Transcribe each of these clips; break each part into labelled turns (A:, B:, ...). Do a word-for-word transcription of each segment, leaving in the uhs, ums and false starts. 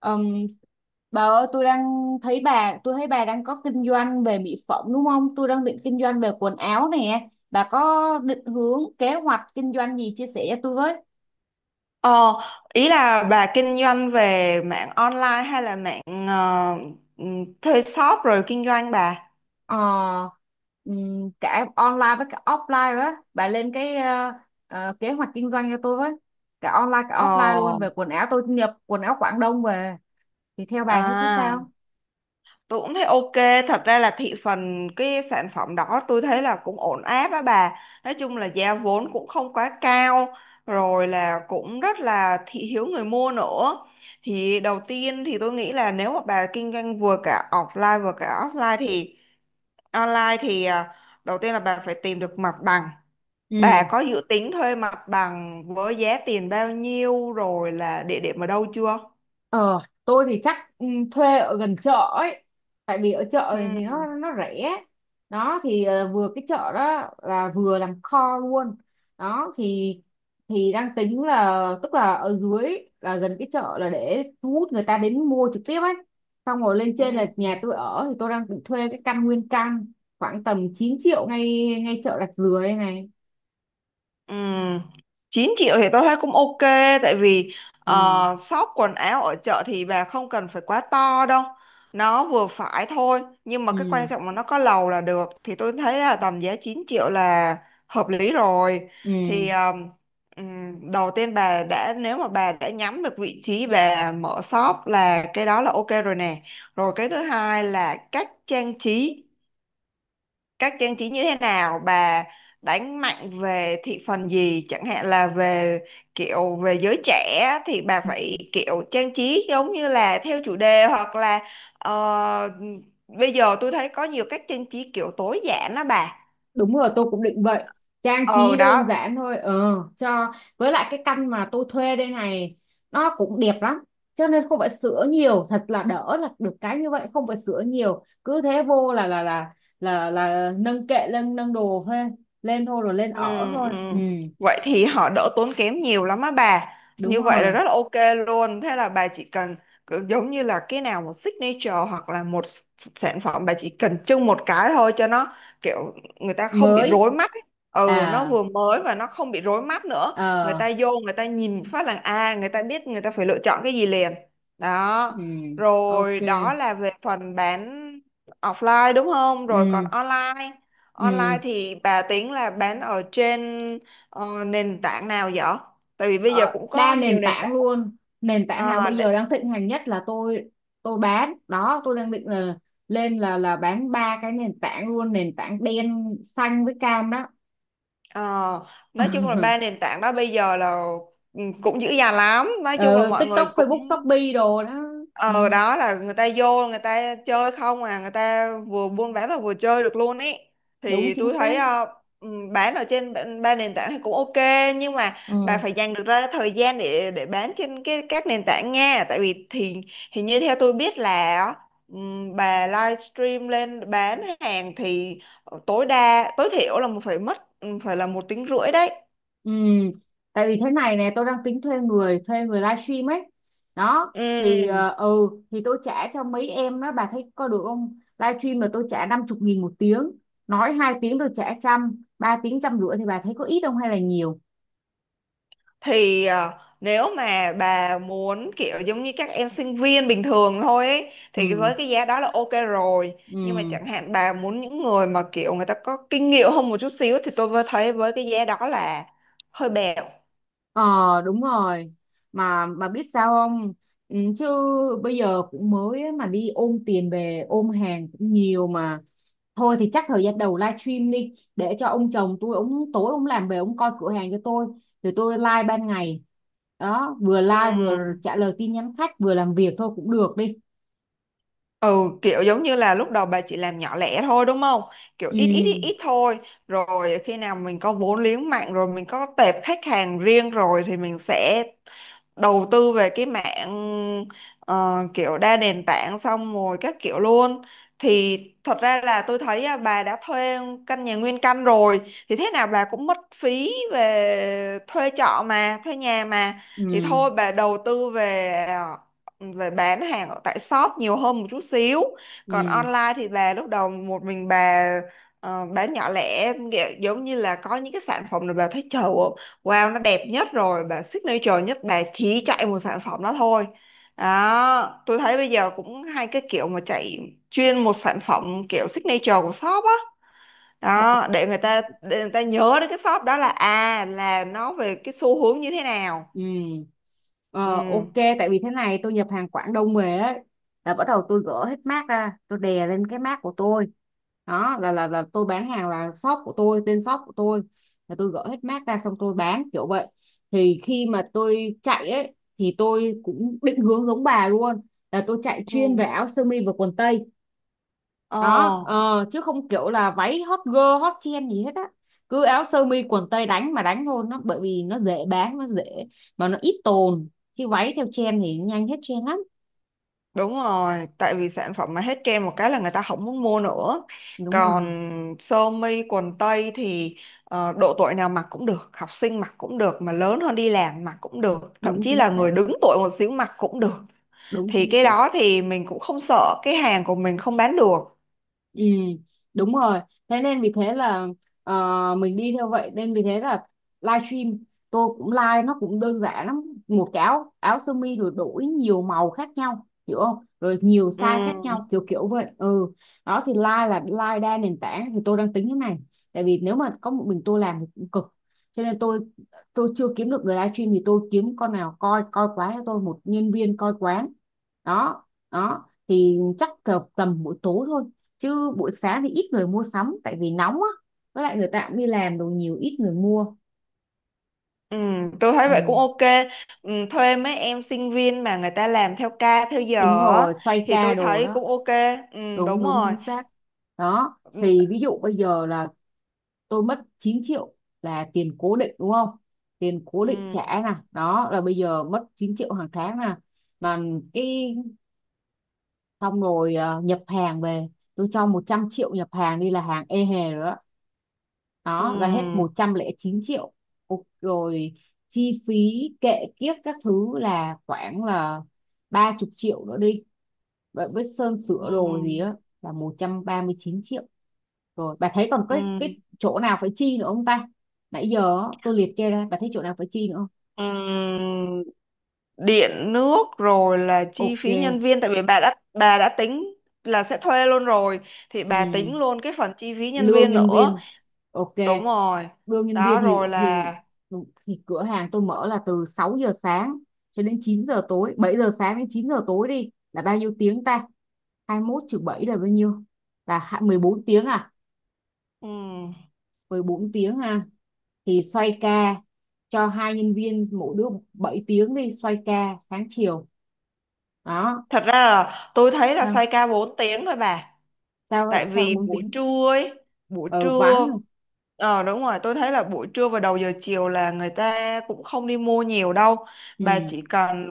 A: Ừm, bà ơi tôi đang thấy bà tôi thấy bà đang có kinh doanh về mỹ phẩm đúng không? Tôi đang định kinh doanh về quần áo nè. Bà có định hướng kế hoạch kinh doanh gì chia sẻ cho tôi với?
B: Ờ, ý là bà kinh doanh về mạng online hay là mạng ờ, ừm, thuê shop rồi kinh doanh bà?
A: Ờ, ừm, cả online với cả offline đó. Bà lên cái ờ, ờ, kế hoạch kinh doanh cho tôi với. Cả online cả
B: Ờ,
A: offline luôn về quần áo tôi nhập quần áo Quảng Đông về thì theo bà thấy thế
B: à,
A: sao?
B: tôi cũng thấy ok. Thật ra là thị phần cái sản phẩm đó tôi thấy là cũng ổn áp đó bà. Nói chung là giá vốn cũng không quá cao, rồi là cũng rất là thị hiếu người mua nữa. Thì đầu tiên thì tôi nghĩ là nếu mà bà kinh doanh vừa cả offline vừa cả offline thì online thì à, đầu tiên là bà phải tìm được mặt bằng.
A: Ừ.
B: Bà có dự tính thuê mặt bằng với giá tiền bao nhiêu rồi là địa điểm ở đâu chưa?
A: Ờ, tôi thì chắc ừ, thuê ở gần chợ ấy. Tại vì ở chợ
B: Ừ.
A: thì nó nó rẻ. Đó thì ờ, vừa cái chợ đó là vừa làm kho luôn. Đó thì thì đang tính là tức là ở dưới là gần cái chợ là để thu hút người ta đến mua trực tiếp ấy. Xong rồi lên
B: Ừ.
A: trên là nhà tôi ở thì tôi đang định thuê cái căn nguyên căn khoảng tầm chín triệu ngay ngay chợ Rạch Dừa đây này.
B: Ừm, chín triệu thì tôi thấy cũng ok, tại vì
A: Ừ.
B: ờ, shop quần áo ở chợ thì bà không cần phải quá to đâu, nó vừa phải thôi, nhưng mà cái quan
A: Ừ.
B: trọng là nó có lầu là được, thì tôi thấy là tầm giá chín triệu là hợp lý rồi.
A: Ừ.
B: Thì ờm, ừm, đầu tiên bà đã nếu mà bà đã nhắm được vị trí bà mở shop là cái đó là ok rồi nè. Rồi cái thứ hai là cách trang trí các trang trí như thế nào bà, đánh mạnh về thị phần gì, chẳng hạn là về kiểu về giới trẻ thì bà phải kiểu trang trí giống như là theo chủ đề, hoặc là ờ, bây giờ tôi thấy có nhiều cách trang trí kiểu tối giản đó bà.
A: Đúng rồi, tôi cũng định vậy. Trang trí
B: ờ
A: đơn
B: Đó.
A: giản thôi. Ờ, cho với lại cái căn mà tôi thuê đây này nó cũng đẹp lắm. Cho nên không phải sửa nhiều, thật là đỡ là được cái như vậy, không phải sửa nhiều. Cứ thế vô là là là là là nâng kệ lên nâng đồ thôi, lên thôi rồi lên
B: Ừ,
A: ở thôi.
B: ừ.
A: Ừ,
B: Vậy thì họ đỡ tốn kém nhiều lắm á bà.
A: đúng
B: Như vậy là
A: rồi.
B: rất là ok luôn. Thế là bà chỉ cần cứ giống như là cái nào một signature hoặc là một s- sản phẩm, bà chỉ cần trưng một cái thôi cho nó kiểu người ta không bị
A: Mới.
B: rối mắt ấy. Ừ, nó
A: À.
B: vừa mới và nó không bị rối mắt nữa. Người
A: Ờ.
B: ta vô, người ta nhìn phát là à người ta biết, người ta phải lựa chọn cái gì liền.
A: Ừ.
B: Đó.
A: Ok.
B: Rồi đó là về phần bán offline đúng không? Rồi
A: Ừ.
B: còn online
A: Ừ.
B: Online thì bà tính là bán ở trên ờ, nền tảng nào vậy? Tại vì bây giờ
A: ờ,
B: cũng
A: đa
B: có nhiều
A: nền
B: nền tảng.
A: tảng luôn, nền tảng nào
B: Ờ,
A: bây giờ đang thịnh hành nhất là tôi tôi bán đó, tôi đang định là lên là là bán ba cái nền tảng luôn, nền tảng đen xanh với cam đó.
B: ờ, nói chung là ba nền tảng đó bây giờ là ừ, cũng dữ dằn lắm, nói chung là
A: Ừ,
B: mọi người
A: TikTok
B: cũng
A: Facebook Shopee đồ đó. Ừ,
B: ờ đó, là người ta vô người ta chơi không à, người ta vừa buôn bán là vừa chơi được luôn ý.
A: đúng
B: Thì
A: chính
B: tôi thấy
A: xác.
B: ờ, ừm, bán ở trên ba ba nền tảng thì cũng ok, nhưng mà bà
A: Ừ.
B: phải dành được ra thời gian để để bán trên cái các nền tảng nha, tại vì thì thì như theo tôi biết là ừm, bà livestream lên bán hàng thì. Ờ, tối đa tối thiểu là phải mất ừ, phải là một tiếng rưỡi đấy.
A: Ừ, tại vì thế này nè tôi đang tính thuê người thuê người livestream ấy. Đó thì ờ,
B: Ừ
A: ừ thì tôi trả cho mấy em đó, bà thấy có được không, livestream là tôi trả năm chục nghìn một tiếng, nói hai tiếng tôi trả trăm, ba tiếng trăm rưỡi thì bà thấy có ít không hay là nhiều?
B: thì à, nếu mà bà muốn kiểu giống như các em sinh viên bình thường thôi ấy, thì
A: Ừ.
B: với cái giá đó là ok rồi, nhưng mà
A: Ừ.
B: chẳng hạn bà muốn những người mà kiểu người ta có kinh nghiệm hơn một chút xíu thì tôi vừa thấy với cái giá đó là hơi bèo.
A: Ờ, đúng rồi. Mà mà biết sao không? Ừ, chứ bây giờ cũng mới ấy, mà đi ôm tiền về ôm hàng cũng nhiều mà. Thôi thì chắc thời gian đầu livestream đi, để cho ông chồng tôi, ông tối ông làm về ông coi cửa hàng cho tôi, rồi tôi live ban ngày. Đó, vừa live vừa
B: Ừ.
A: trả lời tin nhắn khách vừa làm việc thôi cũng được đi.
B: Ừ kiểu giống như là lúc đầu bà chỉ làm nhỏ lẻ thôi đúng không? Kiểu ít ít ít
A: Ừ.
B: ít thôi. Rồi khi nào mình có vốn liếng mạnh rồi, mình có tệp khách hàng riêng rồi, thì mình sẽ đầu tư về cái mạng ờ, kiểu đa nền tảng xong rồi các kiểu luôn. Thì thật ra là tôi thấy à, bà đã thuê căn nhà nguyên căn rồi, thì thế nào bà cũng mất phí về thuê trọ mà, thuê nhà mà, thì
A: Ừ.
B: thôi bà đầu tư về à, về bán hàng ở tại shop nhiều hơn một chút xíu, còn
A: Ừ.
B: online thì bà lúc đầu một mình bà ờ, bán nhỏ lẻ, nghĩa- giống như là có những cái sản phẩm là bà thấy trời ơi, wow nó đẹp nhất rồi bà signature nhất, bà chỉ chạy một sản phẩm đó thôi. Đó, tôi thấy bây giờ cũng hay cái kiểu mà chạy chuyên một sản phẩm kiểu signature của shop á. Đó để người ta để người ta nhớ đến cái shop đó là à là nó về cái xu hướng như thế nào.
A: Ừ.
B: Ừ.
A: Ờ, ok, tại vì thế này tôi nhập hàng Quảng Đông về ấy, là bắt đầu tôi gỡ hết mác ra tôi đè lên cái mác của tôi. Đó là là là tôi bán hàng là shop của tôi, tên shop của tôi là tôi gỡ hết mác ra xong tôi bán kiểu vậy. Thì khi mà tôi chạy ấy thì tôi cũng định hướng giống bà luôn là tôi chạy
B: Ừ.
A: chuyên về áo sơ mi và quần tây.
B: Ờ.
A: Đó, ờ, chứ không kiểu là váy hot girl hot trend gì hết á, cứ áo sơ mi quần tây đánh mà đánh thôi, nó bởi vì nó dễ bán nó dễ mà nó ít tồn, chứ váy theo trend thì nhanh hết trend lắm.
B: Đúng rồi, tại vì sản phẩm mà hết trend một cái là người ta không muốn mua nữa.
A: Đúng
B: Còn
A: rồi.
B: sơ mi quần tây thì ờ, độ tuổi nào mặc cũng được, học sinh mặc cũng được, mà lớn hơn đi làm mặc cũng được, thậm
A: Đúng
B: chí
A: chính
B: là
A: xác.
B: người đứng tuổi một xíu mặc cũng được.
A: Đúng
B: Thì
A: chính
B: cái
A: xác.
B: đó thì mình cũng không sợ cái hàng của mình không bán được.
A: Ừ, đúng rồi. Thế nên vì thế là ờ, mình đi theo vậy, nên vì thế là livestream tôi cũng live nó cũng đơn giản lắm. Một cái áo áo sơ mi rồi đổi nhiều màu khác nhau, hiểu không? Rồi nhiều size khác
B: Ừm,
A: nhau kiểu kiểu vậy. Ừ. Đó thì live là live đa nền tảng thì tôi đang tính thế này. Tại vì nếu mà có một mình tôi làm thì cũng cực. Cho nên tôi tôi chưa kiếm được người livestream thì tôi kiếm con nào coi coi quán cho tôi, một nhân viên coi quán. Đó, đó thì chắc tầm tầm buổi tối thôi, chứ buổi sáng thì ít người mua sắm tại vì nóng á, với lại người ta cũng đi làm đồ nhiều ít người mua.
B: ừm, tôi thấy vậy cũng
A: Ừ.
B: ok. Ừm, thuê mấy em sinh viên mà người ta làm theo ca theo
A: Đúng
B: giờ á,
A: rồi, xoay
B: thì
A: ca
B: tôi
A: đồ
B: thấy
A: đó.
B: cũng ok. Ừm,
A: Đúng,
B: đúng
A: đúng
B: rồi.
A: chính xác. Đó
B: Ừm.
A: thì ví dụ bây giờ là tôi mất chín triệu là tiền cố định đúng không, tiền cố định
B: ừm,
A: trả nè, đó là bây giờ mất chín triệu hàng tháng nè, mà cái, xong rồi ờ, nhập hàng về tôi cho một trăm triệu nhập hàng đi là hàng ê hề rồi, đó đó là hết
B: ừm,
A: một trăm lẻ chín triệu. Ô- rồi chi phí kệ kiếp các thứ là khoảng là ba chục triệu nữa đi, vậy với sơn sửa đồ gì
B: ừm.
A: á, là một trăm ba mươi chín triệu. Rồi bà thấy còn cái
B: Ừm,
A: cái chỗ nào phải chi nữa không ta, nãy giờ á, tôi liệt kê ra bà thấy chỗ nào phải chi nữa không?
B: ừm, điện nước, rồi là chi
A: Ok.
B: phí nhân viên, tại vì bà đã bà đã tính là sẽ thuê luôn rồi, thì bà
A: Ừ.
B: tính luôn cái phần chi phí nhân
A: Lương
B: viên
A: nhân
B: nữa.
A: viên, ok.
B: Đúng rồi
A: Đưa nhân
B: đó.
A: viên thì
B: Rồi
A: thì
B: là
A: thì cửa hàng tôi mở là từ sáu giờ sáng cho đến chín giờ tối, bảy giờ sáng đến chín giờ tối đi là bao nhiêu tiếng ta? Hai mươi mốt trừ bảy là bao nhiêu? Là hai- mười bốn tiếng à?
B: ừm,
A: Mười bốn tiếng ha, thì xoay ca cho hai nhân viên, mỗi đứa bảy tiếng đi, xoay ca sáng chiều. Đó.
B: thật ra là tôi thấy là
A: sao
B: xoay ca bốn tiếng thôi bà.
A: sao
B: Tại
A: sao
B: vì
A: bốn
B: buổi
A: tiếng?
B: trưa ấy, buổi
A: Ờ vắng
B: trưa
A: rồi.
B: ờ đúng rồi, tôi thấy là buổi trưa và đầu giờ chiều là người ta cũng không đi mua nhiều đâu, bà
A: Ừ.
B: chỉ cần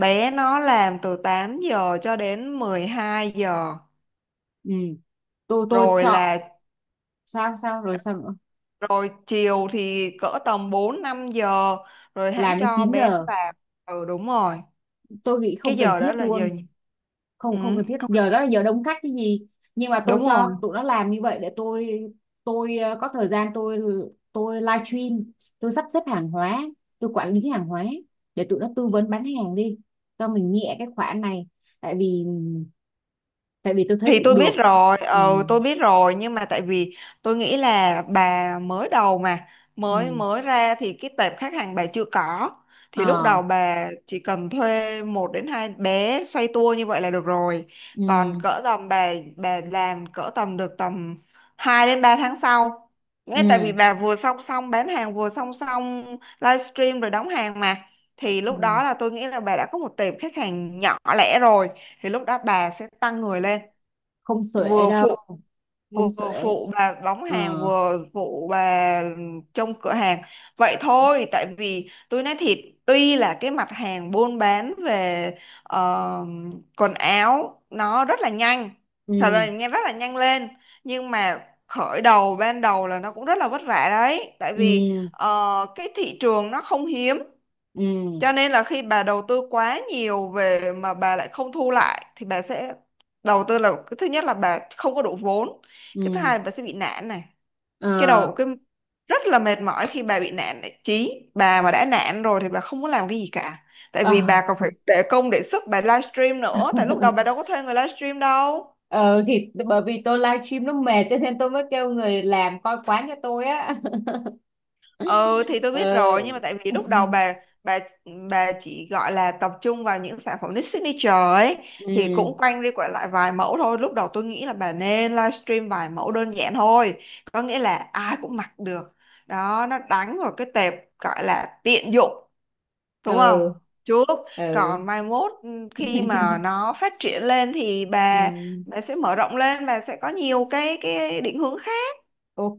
B: bé nó làm từ tám giờ cho đến mười hai giờ,
A: Ừ, tôi tôi
B: rồi
A: chọn.
B: là
A: Sao sao rồi sao nữa?
B: rồi chiều thì cỡ tầm bốn năm giờ rồi hãng
A: Làm đến
B: cho
A: chín
B: bé nó
A: giờ
B: vào. Ừ đúng rồi.
A: Tôi nghĩ
B: Cái
A: không cần
B: giờ
A: thiết
B: đó là giờ
A: luôn.
B: gì? Ừ,
A: Không, không cần thiết,
B: không-
A: giờ đó
B: phải-
A: là giờ đông khách cái gì? Nhưng mà tôi
B: đúng rồi.
A: cho tụi nó làm như vậy để tôi tôi ờ, có thời gian tôi tôi live stream, tôi sắp xếp hàng hóa, tôi quản lý hàng hóa, để tụi nó tư vấn bán hàng đi, cho mình nhẹ cái khoản này. Tại vì tại vì tôi thấy
B: Thì
A: cũng
B: tôi biết
A: được.
B: rồi,
A: Ừ.
B: ừ tôi biết rồi, nhưng mà tại vì tôi nghĩ là bà mới đầu mà mới
A: Ừ.
B: mới ra thì cái tệp khách hàng bà chưa có, thì lúc
A: Ờ.
B: đầu bà chỉ cần thuê một đến hai bé xoay tua như vậy là được rồi, còn
A: Ừ.
B: cỡ tầm bà bà làm cỡ tầm được tầm hai đến ba tháng sau, nghe, tại vì
A: Ừ,
B: bà vừa song song bán hàng vừa song song livestream rồi đóng hàng mà, thì
A: ừ.
B: lúc đó là tôi nghĩ là bà đã có một tệp khách hàng nhỏ lẻ rồi, thì lúc đó bà sẽ tăng người lên
A: Không xuể
B: vừa
A: đâu.
B: phụ,
A: Không
B: vừa
A: xuể.
B: phụ bà bóng
A: Ờ.
B: hàng vừa phụ bà trong cửa hàng, vậy thôi. Tại vì tôi nói thiệt, tuy là cái mặt hàng buôn bán về ờ, quần áo nó rất là nhanh, thật là
A: Ừ.
B: nhanh, rất là nhanh lên, nhưng mà khởi đầu ban đầu là nó cũng rất là vất vả đấy, tại
A: Ừ.
B: vì ờ, cái thị trường nó không hiếm,
A: Ừ.
B: cho nên là khi bà đầu tư quá nhiều về mà bà lại không thu lại thì bà sẽ đầu tư, là cái thứ nhất là bà không có đủ vốn, cái thứ
A: Ừ.
B: hai là bà sẽ bị nản này. Cái
A: Ờ.
B: đầu cái rất là mệt mỏi khi bà bị nản này. Chí bà mà đã nản rồi thì bà không muốn làm cái gì cả. Tại
A: Ờ.
B: vì bà còn phải để công để sức bà livestream nữa, tại lúc đầu bà đâu có thuê người livestream đâu.
A: Ờ thì bởi vì tôi livestream nó mệt cho nên tôi mới kêu người làm coi quán cho tôi á.
B: Ừ thì tôi biết rồi,
A: Ờ.
B: nhưng mà tại vì lúc đầu bà bà bà chỉ gọi là tập trung vào những sản phẩm niche signature ấy thì
A: Ừ.
B: cũng quanh đi quẩn lại vài mẫu thôi. Lúc đầu tôi nghĩ là bà nên livestream vài mẫu đơn giản thôi. Có nghĩa là ai cũng mặc được. Đó, nó đánh vào cái tệp gọi là tiện dụng, đúng không?
A: Ừ.
B: Trước
A: Ừ.
B: còn mai mốt ừ, khi mà nó phát triển lên thì
A: Ừ.
B: bà bà sẽ mở rộng lên, bà sẽ có nhiều cái cái định hướng khác.
A: Ok,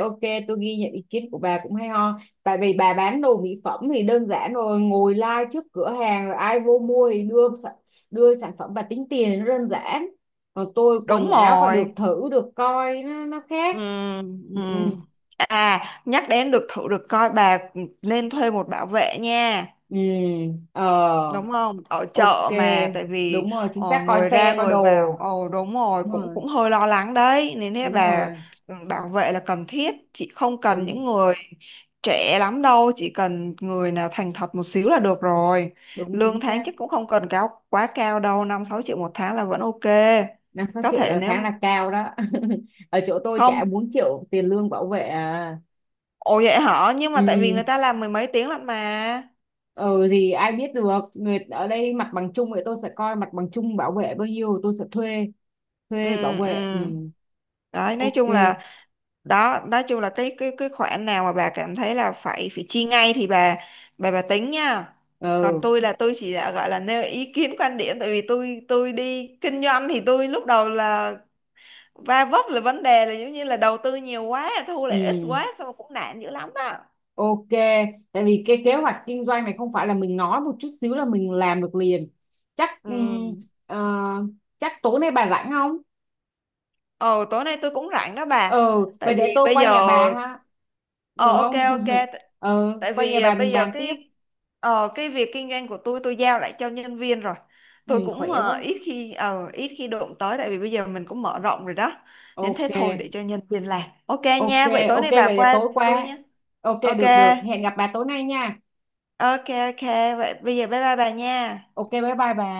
A: ok, tôi ghi nhận ý kiến của bà cũng hay ho. Tại vì bà bán đồ mỹ phẩm thì đơn giản rồi, ngồi live trước cửa hàng rồi ai vô mua thì đưa sản- đưa sản phẩm và tính tiền nó đơn giản. Còn tôi
B: Đúng
A: quần áo phải được
B: rồi.
A: thử, được coi nó nó
B: Ừ,
A: khác.
B: ừ.
A: Ừ.
B: À, nhắc đến được thử được coi, bà nên thuê một bảo vệ nha.
A: Ừ. Ừ, ờ.
B: Đúng không? Ở
A: Ok,
B: chợ mà, tại vì
A: đúng rồi chính
B: ờ,
A: xác, coi
B: người ra
A: xe coi
B: người
A: đồ.
B: vào. Ồ đúng rồi,
A: Đúng
B: cũng
A: rồi.
B: cũng hơi lo lắng đấy. Nên thế
A: Đúng
B: bà
A: rồi.
B: ừ, bảo vệ là cần thiết, chị không cần
A: Đúng,
B: những người trẻ lắm đâu, chỉ cần người nào thành thật một xíu là được rồi.
A: đúng chính
B: Lương tháng
A: xác.
B: chắc cũng không cần cao quá cao đâu, năm sáu triệu một tháng là vẫn ok.
A: năm sáu
B: Có
A: triệu
B: thể
A: là
B: nếu
A: tháng là cao đó. Ở chỗ tôi trả
B: không.
A: bốn triệu tiền lương bảo vệ à.
B: Ồ vậy hả? Nhưng mà tại vì người
A: Ừ.
B: ta làm mười mấy tiếng lận mà.
A: Ừ thì ai biết được, người ở đây mặt bằng chung vậy tôi sẽ coi mặt bằng chung bảo vệ bao nhiêu tôi sẽ thuê,
B: Ừ.
A: thuê bảo
B: Ừ.
A: vệ. Ừ.
B: Đấy nói
A: Ok.
B: chung là đó, nói chung là cái cái cái khoản nào mà bà cảm thấy là phải phải chi ngay thì bà bà bà tính nha, còn
A: Ừ.
B: tôi là tôi chỉ là gọi là nêu ý kiến quan điểm, tại vì tôi tôi đi kinh doanh thì tôi lúc đầu là va vấp là vấn đề là giống như là đầu tư nhiều quá thu lại ít
A: Ừ.
B: quá xong rồi cũng nản dữ lắm đó.
A: Ok, tại vì cái kế hoạch kinh doanh này không phải là mình nói một chút xíu là mình làm được liền. Chắc ừm,
B: Ừ.
A: ờ, chắc tối nay bà rảnh không?
B: Ồ, tối nay tôi cũng rảnh đó
A: Ừ,
B: bà. Tại
A: vậy để
B: vì
A: tôi
B: bây
A: qua
B: giờ
A: nhà bà ha,
B: ờ
A: được
B: ok
A: không?
B: ok T-
A: Ừ,
B: tại
A: qua
B: vì
A: nhà
B: ờ,
A: bà mình
B: bây giờ
A: bàn tiếp.
B: cái ờ cái việc kinh doanh của tôi tôi giao lại cho nhân viên rồi.
A: Ừ,
B: Tôi cũng
A: khỏe
B: ờ,
A: quá.
B: ít khi ờ ít khi đụng tới, tại vì bây giờ mình cũng mở rộng rồi đó. Nên
A: Ok,
B: thế thôi, để cho nhân viên làm. Ok
A: ok,
B: nha, vậy tối
A: ok
B: nay bà
A: vậy là
B: qua
A: tối
B: tôi
A: qua.
B: nha.
A: Ok,
B: Ok.
A: được được, hẹn gặp bà tối nay nha.
B: Ok ok, vậy bây giờ bye bye bà nha.
A: Ok, bye bye bà.